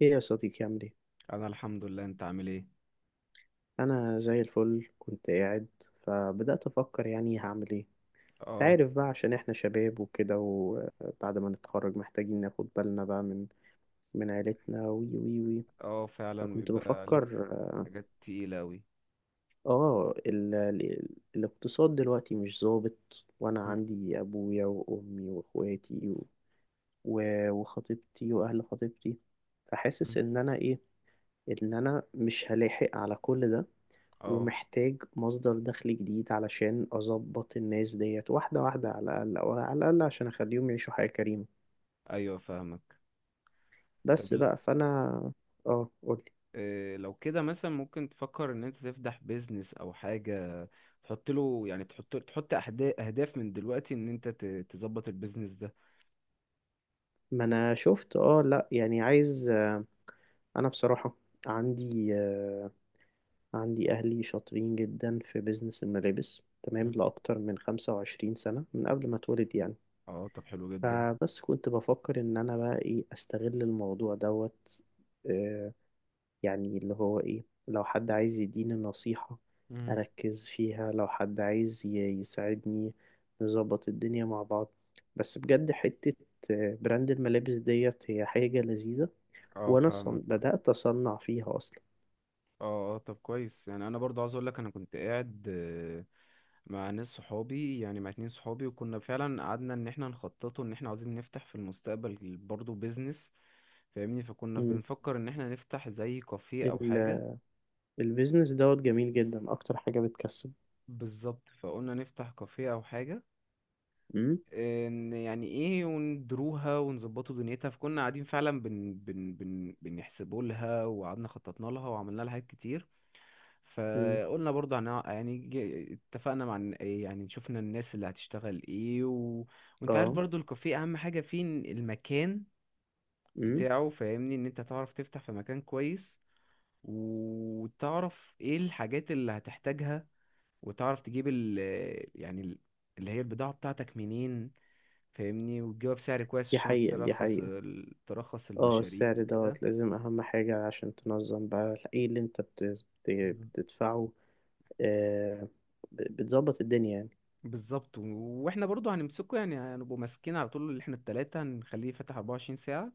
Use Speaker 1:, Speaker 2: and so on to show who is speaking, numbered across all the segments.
Speaker 1: ايه يا صديقي، عامل ايه؟
Speaker 2: انا الحمد لله، انت عامل ايه؟
Speaker 1: انا زي الفل. كنت قاعد فبدأت افكر يعني هعمل ايه.
Speaker 2: اه،
Speaker 1: تعرف بقى عشان احنا شباب وكده، وبعد ما نتخرج محتاجين ناخد بالنا بقى من عيلتنا، وي وي وي.
Speaker 2: اه فعلا
Speaker 1: فكنت
Speaker 2: بيبقى عليك
Speaker 1: بفكر.
Speaker 2: حاجات تقيلة اوي.
Speaker 1: اه ال... ال... الاقتصاد دلوقتي مش ظابط، وانا
Speaker 2: م-
Speaker 1: عندي ابويا وامي واخواتي وخطيبتي واهل خطيبتي.
Speaker 2: م.
Speaker 1: فحاسس ان انا ايه، ان انا مش هلاحق على كل ده،
Speaker 2: اه،
Speaker 1: ومحتاج مصدر دخل جديد علشان أظبط الناس ديت واحدة واحدة، على الأقل، عشان أخليهم يعيشوا حياة كريمة.
Speaker 2: ايوه فاهمك. طب
Speaker 1: بس
Speaker 2: ال-
Speaker 1: بقى فأنا. اه قولي.
Speaker 2: إيه لو كده مثلا ممكن تفكر ان انت تفتح بيزنس او حاجة، تحط له، يعني تحط اهداف من دلوقتي ان تظبط البيزنس ده.
Speaker 1: ما أنا شفت، لأ يعني عايز، أنا بصراحة، عندي، عندي أهلي شاطرين جدا في بيزنس الملابس، تمام،
Speaker 2: مم.
Speaker 1: لأكتر من 25 سنة، من قبل ما اتولد يعني.
Speaker 2: اه طب حلو جدا.
Speaker 1: فبس كنت بفكر إن أنا بقى إيه، أستغل الموضوع دوت. آه، يعني اللي هو ايه، لو حد عايز يديني نصيحة
Speaker 2: مم.
Speaker 1: أركز فيها، لو حد عايز يساعدني نظبط الدنيا مع بعض. بس بجد حتة، براند الملابس ديت هي حاجة لذيذة.
Speaker 2: اه
Speaker 1: وأنا
Speaker 2: فاهمك.
Speaker 1: بدأت أصنع فيها أصلا.
Speaker 2: اه، اه طب كويس. يعني انا برضه عاوز اقول لك، انا كنت قاعد مع ناس صحابي، يعني مع اتنين صحابي، وكنا فعلا قعدنا ان احنا نخططه، ان احنا عاوزين نفتح في المستقبل برضه بيزنس، فاهمني. فكنا
Speaker 1: مم.
Speaker 2: بنفكر ان احنا نفتح زي كافيه او
Speaker 1: ال...
Speaker 2: حاجة.
Speaker 1: البيزنس دوت جميل جدا، أكتر حاجة بتكسب.
Speaker 2: بالظبط، فقلنا نفتح كافيه او حاجة،
Speaker 1: مم.
Speaker 2: ان يعني ايه وندروها ونظبطوا دنيتها. فكنا قاعدين فعلا بن بن بن بنحسبوا لها، وقعدنا خططنا لها وعملنا لها حاجات كتير.
Speaker 1: مم.
Speaker 2: فقلنا برضه يعني اتفقنا مع يعني شفنا الناس اللي هتشتغل ايه و... وانت عارف
Speaker 1: اه.
Speaker 2: برضه الكافيه اهم حاجة فيه إن المكان
Speaker 1: مم.
Speaker 2: بتاعه، فاهمني، ان انت تعرف تفتح في مكان كويس، وتعرف ايه الحاجات اللي هتحتاجها، وتعرف تجيب ال، يعني اللي هي البضاعة بتاعتك منين، فاهمني، وتجيبها بسعر كويس،
Speaker 1: دي
Speaker 2: عشان
Speaker 1: حقيقة، دي
Speaker 2: ترخص
Speaker 1: حقيقة.
Speaker 2: ترخص
Speaker 1: اه،
Speaker 2: المشاريب
Speaker 1: السعر
Speaker 2: وكده.
Speaker 1: دوت لازم، أهم حاجة عشان تنظم بقى ايه اللي انت بتدفعه. آه، بتظبط الدنيا يعني.
Speaker 2: بالظبط. واحنا برضو هنمسكه، يعني هنبقوا ماسكين على طول، اللي احنا التلاتة هنخليه فاتح 24 ساعة،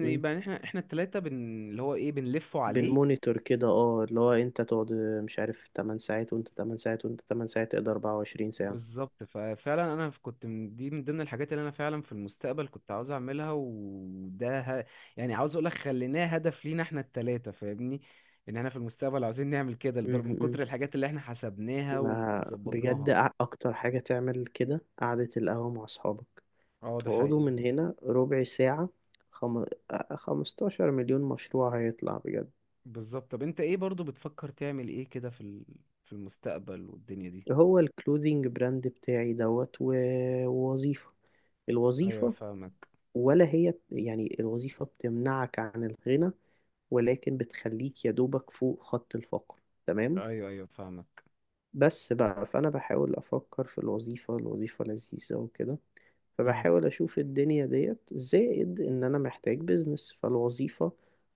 Speaker 1: مم.
Speaker 2: احنا التلاتة اللي هو ايه بنلفه عليه.
Speaker 1: بنمونيتور كده، اه، اللي هو انت تقعد، مش عارف، 8 ساعات، وانت 8 ساعات، وانت 8 ساعات، تقدر 24 ساعة.
Speaker 2: بالظبط. ففعلا انا كنت من دي، من ضمن الحاجات اللي انا فعلا في المستقبل كنت عاوز اعملها. وده يعني عاوز اقول لك، خليناه هدف لينا احنا التلاتة، فاهمني، ان احنا في المستقبل عاوزين نعمل كده،
Speaker 1: مم،
Speaker 2: لدرجة من
Speaker 1: مم.
Speaker 2: كتر الحاجات اللي احنا حسبناها
Speaker 1: ما بجد
Speaker 2: وظبطناها.
Speaker 1: اكتر حاجة تعمل كده قعدة القهوة مع اصحابك،
Speaker 2: اه ده
Speaker 1: تقعدوا
Speaker 2: حقيقي.
Speaker 1: من هنا ربع ساعة، خم... آه، 15 مليون مشروع هيطلع بجد.
Speaker 2: بالظبط. طب انت ايه برضو بتفكر تعمل ايه كده في في المستقبل والدنيا دي؟
Speaker 1: هو الكلوزنج براند بتاعي دوت، ووظيفة.
Speaker 2: ايوه
Speaker 1: الوظيفة،
Speaker 2: فاهمك.
Speaker 1: ولا هي، يعني الوظيفة بتمنعك عن الغنى، ولكن بتخليك يا دوبك فوق خط الفقر. تمام.
Speaker 2: ايوه ايوه فاهمك.
Speaker 1: بس بقى فأنا بحاول أفكر في الوظيفة، لذيذة وكده.
Speaker 2: مم.
Speaker 1: فبحاول أشوف الدنيا ديت زائد إن أنا محتاج بيزنس، فالوظيفة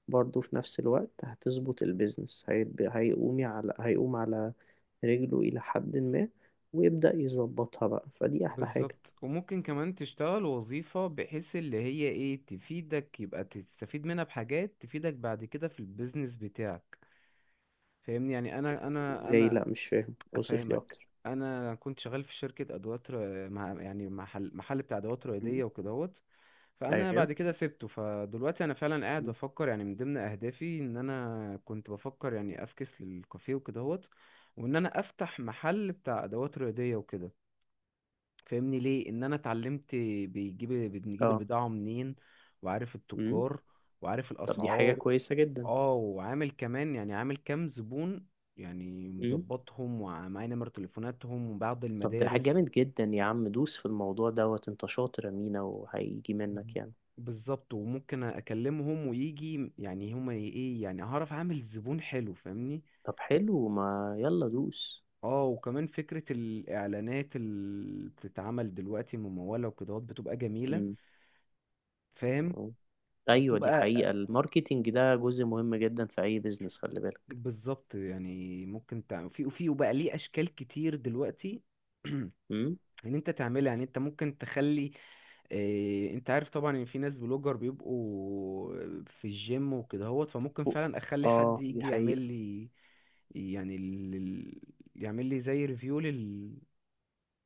Speaker 1: برضو في نفس الوقت هتظبط البيزنس، هيقوم على رجله إلى حد ما، ويبدأ يظبطها بقى، فدي أحلى حاجة.
Speaker 2: بالظبط. وممكن كمان تشتغل وظيفة بحيث اللي هي ايه، تفيدك، يبقى تستفيد منها بحاجات تفيدك بعد كده في البيزنس بتاعك، فاهمني. يعني انا انا
Speaker 1: إزاي؟
Speaker 2: انا
Speaker 1: لأ مش فاهم، أوصف لي
Speaker 2: افهمك.
Speaker 1: أكتر.
Speaker 2: انا كنت شغال في شركه ادوات مع يعني محل بتاع ادوات
Speaker 1: مم.
Speaker 2: رياضيه وكدهوت. فانا
Speaker 1: أيوه.
Speaker 2: بعد كده سبته، فدلوقتي انا فعلا قاعد
Speaker 1: مم.
Speaker 2: بفكر، يعني من ضمن اهدافي ان انا كنت بفكر يعني افكس للكافيه وكدهوت، وان انا افتح محل بتاع ادوات رياضيه، فاهمني، ليه؟ ان انا اتعلمت بنجيب
Speaker 1: اه.
Speaker 2: البضاعه منين، وعارف
Speaker 1: امم.
Speaker 2: التجار، وعارف
Speaker 1: طب دي حاجة
Speaker 2: الاسعار.
Speaker 1: كويسة جدا.
Speaker 2: اه، وعامل كمان، يعني عامل كام زبون، يعني مظبطهم، ومعايا نمر تليفوناتهم وبعض
Speaker 1: طب ده حاجة
Speaker 2: المدارس.
Speaker 1: جامد جدا يا عم، دوس في الموضوع دوت، انت شاطر يا مينا، وهيجي منك يعني.
Speaker 2: بالظبط، وممكن اكلمهم ويجي، يعني هما ايه، يعني هعرف اعمل زبون حلو، فاهمني.
Speaker 1: طب حلو، ما يلا دوس.
Speaker 2: اه، وكمان فكرة الإعلانات اللي بتتعمل دلوقتي ممولة وكده، بتبقى جميلة،
Speaker 1: مم.
Speaker 2: فاهم؟
Speaker 1: اه. ايوه دي
Speaker 2: وبتبقى،
Speaker 1: حقيقة، الماركتينج ده جزء مهم جدا في اي بيزنس، خلي بالك.
Speaker 2: بالظبط. يعني ممكن تعمل في وفي، وبقى ليه اشكال كتير دلوقتي
Speaker 1: مم.
Speaker 2: ان انت تعملها. يعني انت ممكن تخلي، إيه، انت عارف طبعا ان في ناس بلوجر بيبقوا في الجيم وكده هوت، فممكن
Speaker 1: و-
Speaker 2: فعلا اخلي حد
Speaker 1: اه دي
Speaker 2: يجي يعمل
Speaker 1: حقيقة.
Speaker 2: لي، يعني يعمل لي زي ريفيو لل،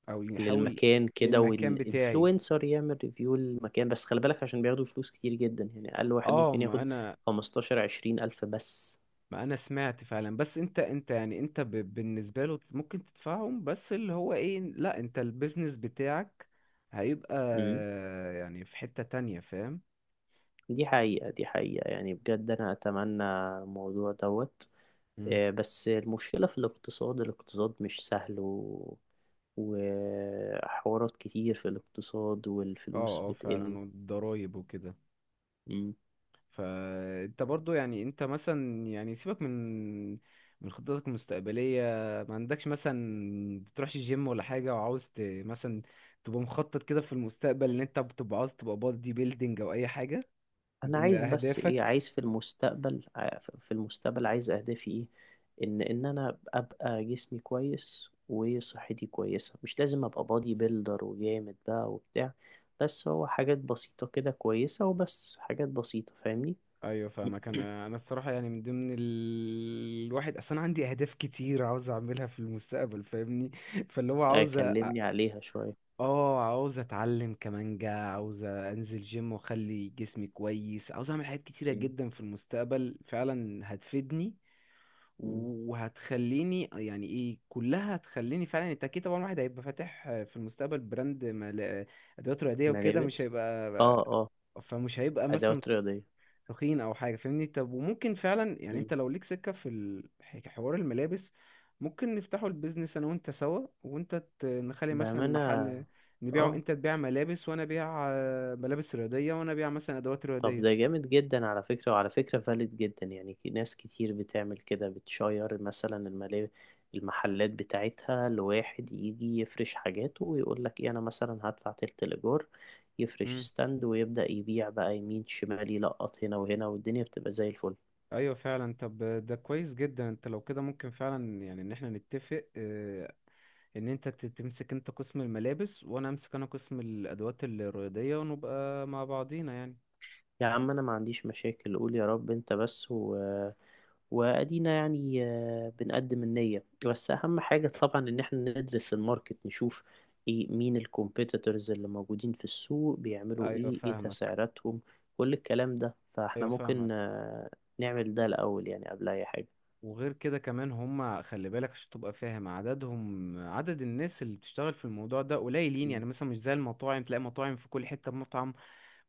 Speaker 2: او يحاول،
Speaker 1: للمكان كده،
Speaker 2: للمكان
Speaker 1: وان
Speaker 2: بتاعي.
Speaker 1: انفلونسر يعمل ريفيو للمكان، بس خلي بالك عشان بياخدوا فلوس كتير جدا، يعني اقل واحد
Speaker 2: اه
Speaker 1: ممكن
Speaker 2: ما
Speaker 1: ياخد
Speaker 2: انا،
Speaker 1: 15 20 الف بس.
Speaker 2: سمعت فعلا، بس انت، انت يعني انت بالنسبه له ممكن تدفعهم، بس اللي هو ايه، لا انت البيزنس بتاعك هيبقى،
Speaker 1: مم.
Speaker 2: يعني في حته تانية، فاهم؟
Speaker 1: دي حقيقة، دي حقيقة، يعني بجد انا اتمنى الموضوع دوت.
Speaker 2: مم.
Speaker 1: بس المشكلة في الاقتصاد، مش سهل، وحوارات كتير في الاقتصاد، والفلوس
Speaker 2: اه، اه
Speaker 1: بتقل.
Speaker 2: فعلا، والضرايب وكده.
Speaker 1: مم.
Speaker 2: فانت برضو، يعني انت مثلا، يعني سيبك من خطتك المستقبلية، ما عندكش مثلا؟ بتروحش جيم ولا حاجة، وعاوز مثلا تبقى مخطط كده في المستقبل، ان انت بتبقى عاوز تبقى بادي بيلدينج او اي حاجة من
Speaker 1: أنا
Speaker 2: ضمن
Speaker 1: عايز، بس إيه
Speaker 2: اهدافك؟
Speaker 1: عايز، في المستقبل عايز أهدافي إيه، إن أنا أبقى جسمي كويس وصحتي كويسة، مش لازم أبقى بادي بيلدر وجامد بقى وبتاع، بس هو حاجات بسيطة كده كويسة، وبس حاجات بسيطة فاهمني.
Speaker 2: ايوه فاهمك. انا، انا الصراحه، يعني من ضمن الواحد اصلا، انا عندي اهداف كتير عاوز اعملها في المستقبل، فاهمني. فاللي هو عاوز
Speaker 1: أكلمني عليها شوية.
Speaker 2: اه، عاوز اتعلم كمانجا، عاوز انزل جيم واخلي جسمي كويس، عاوز اعمل حاجات كتيره
Speaker 1: مم.
Speaker 2: جدا في المستقبل، فعلا هتفيدني
Speaker 1: مم.
Speaker 2: وهتخليني، يعني ايه، كلها هتخليني فعلا. انت اكيد طبعا الواحد هيبقى فاتح في المستقبل براند ادوات رياضيه وكده، مش
Speaker 1: ملابس.
Speaker 2: هيبقى،
Speaker 1: اه. آه.
Speaker 2: فمش هيبقى مثلا
Speaker 1: أدوات رياضية.
Speaker 2: تخين او حاجه، فاهمني. طب وممكن فعلا، يعني
Speaker 1: مم.
Speaker 2: انت لو ليك سكه في حوار الملابس، ممكن نفتحوا البيزنس انا وانت سوا، وانت نخلي مثلا
Speaker 1: بأمانة.
Speaker 2: محل، نبيعه،
Speaker 1: اه،
Speaker 2: انت تبيع ملابس، وانا ابيع ملابس رياضيه، وانا ابيع مثلا ادوات
Speaker 1: طب ده
Speaker 2: رياضيه.
Speaker 1: جامد جدا، على فكرة، وعلى فكرة فالid جدا يعني، في ناس كتير بتعمل كده، بتشير مثلا الملاهي، المحلات بتاعتها لواحد يجي يفرش حاجاته، ويقول لك ايه، انا مثلا هدفع تلت الإيجار، يفرش
Speaker 2: مم.
Speaker 1: ستاند ويبدأ يبيع بقى يمين شمال، يلقط هنا وهنا، والدنيا بتبقى زي الفل.
Speaker 2: ايوه فعلا. طب ده كويس جدا. انت لو كده ممكن فعلا، يعني ان احنا نتفق ان تمسك انت قسم الملابس، وانا امسك انا قسم الادوات الرياضيه، ونبقى مع بعضينا يعني.
Speaker 1: يا عم انا ما عنديش مشاكل، قول يا رب انت بس، وأدينا يعني. بنقدم النية، بس أهم حاجة طبعا إن احنا ندرس الماركت، نشوف إيه، مين الكومبيتيتورز اللي موجودين في السوق، بيعملوا
Speaker 2: ايوه
Speaker 1: إيه
Speaker 2: فاهمك.
Speaker 1: تسعيراتهم، كل الكلام ده، فاحنا
Speaker 2: ايوه
Speaker 1: ممكن،
Speaker 2: فاهمك.
Speaker 1: نعمل ده الأول يعني، قبل أي حاجة.
Speaker 2: وغير كده كمان هم، خلي بالك عشان تبقى فاهم عددهم، عدد الناس اللي بتشتغل في الموضوع ده قليلين. يعني
Speaker 1: مم.
Speaker 2: يعني مثلا مش زي المطاعم، تلاقي مطاعم في كل حتة مطعم،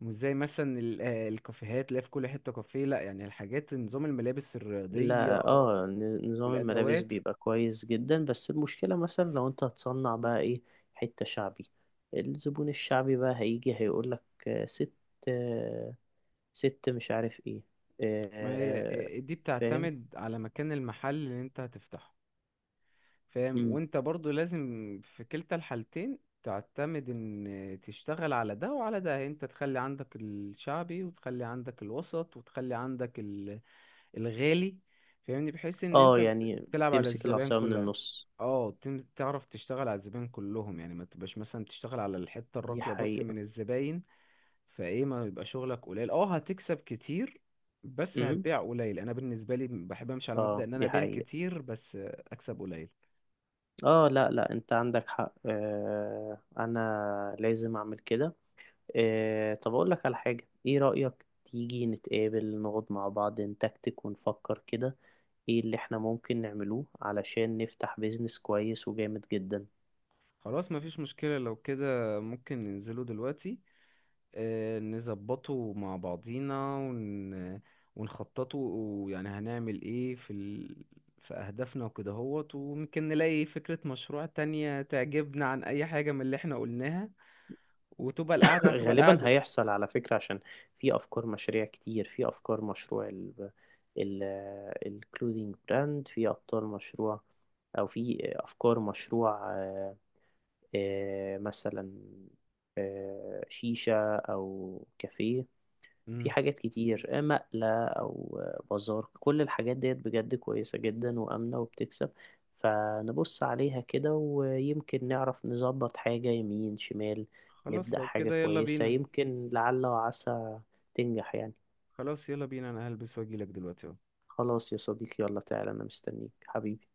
Speaker 2: مش زي مثلا الكافيهات، تلاقي في كل حتة كافيه. لا يعني الحاجات، نظام الملابس الرياضية
Speaker 1: لا اه، نظام الملابس
Speaker 2: والأدوات،
Speaker 1: بيبقى كويس جدا، بس المشكلة مثلا لو انت هتصنع بقى ايه، حتة شعبي، الزبون الشعبي بقى هيجي هيقولك، ست، آه، ست مش عارف ايه.
Speaker 2: ما هي
Speaker 1: آه.
Speaker 2: دي
Speaker 1: فاهم.
Speaker 2: بتعتمد على مكان المحل اللي انت هتفتحه، فاهم؟
Speaker 1: امم.
Speaker 2: وانت برضو لازم في كلتا الحالتين، تعتمد ان تشتغل على ده وعلى ده، انت تخلي عندك الشعبي، وتخلي عندك الوسط، وتخلي عندك الغالي، فاهمني، بحيث ان
Speaker 1: اه، يعني
Speaker 2: تلعب على
Speaker 1: تمسك
Speaker 2: الزبائن
Speaker 1: العصاية من
Speaker 2: كلها.
Speaker 1: النص.
Speaker 2: اه، تعرف تشتغل على الزبائن كلهم، يعني ما تبقاش مثلا بتشتغل على الحتة
Speaker 1: دي
Speaker 2: الراقية بس
Speaker 1: حقيقة.
Speaker 2: من الزباين. فايه ما يبقى شغلك قليل، اه هتكسب كتير بس
Speaker 1: امم.
Speaker 2: هتبيع قليل. انا بالنسبة لي بحب امشي على مبدأ
Speaker 1: اه
Speaker 2: ان انا
Speaker 1: دي
Speaker 2: ابيع
Speaker 1: حقيقة.
Speaker 2: كتير، بس اكسب قليل.
Speaker 1: اه، لا لا، انت عندك حق، آه، انا لازم اعمل كده. آه، طب اقول لك على حاجة، ايه رأيك تيجي نتقابل، نقعد مع بعض، نتكتك ونفكر كده ايه اللي احنا ممكن نعملوه علشان نفتح بيزنس كويس وجامد جدا.
Speaker 2: خلاص، مفيش مشكلة. لو كده ممكن ننزله دلوقتي، نظبطه مع بعضينا ونخططه، يعني هنعمل ايه في في أهدافنا وكده هوت. وممكن نلاقي فكرة مشروع تانية تعجبنا عن أي حاجة من اللي احنا قلناها، وتبقى القعدة هتبقى
Speaker 1: غالبا
Speaker 2: القعدة.
Speaker 1: هيحصل، على فكرة، عشان في أفكار مشاريع كتير، في أفكار مشروع ال ال الكلودينج براند، في أبطال مشروع، أو في أفكار مشروع، مثلا شيشة أو كافيه، في
Speaker 2: مم.
Speaker 1: حاجات كتير، مقلة أو بازار، كل الحاجات ديت بجد كويسة جدا وآمنة وبتكسب. فنبص عليها كده، ويمكن نعرف نظبط حاجة يمين شمال،
Speaker 2: خلاص
Speaker 1: نبدأ
Speaker 2: لو
Speaker 1: حاجة
Speaker 2: كده يلا
Speaker 1: كويسة،
Speaker 2: بينا.
Speaker 1: يمكن لعل وعسى تنجح يعني.
Speaker 2: خلاص يلا بينا، أنا هلبس وأجيلك دلوقتي اهو.
Speaker 1: خلاص يا صديقي، يلا تعالى أنا مستنيك حبيبي.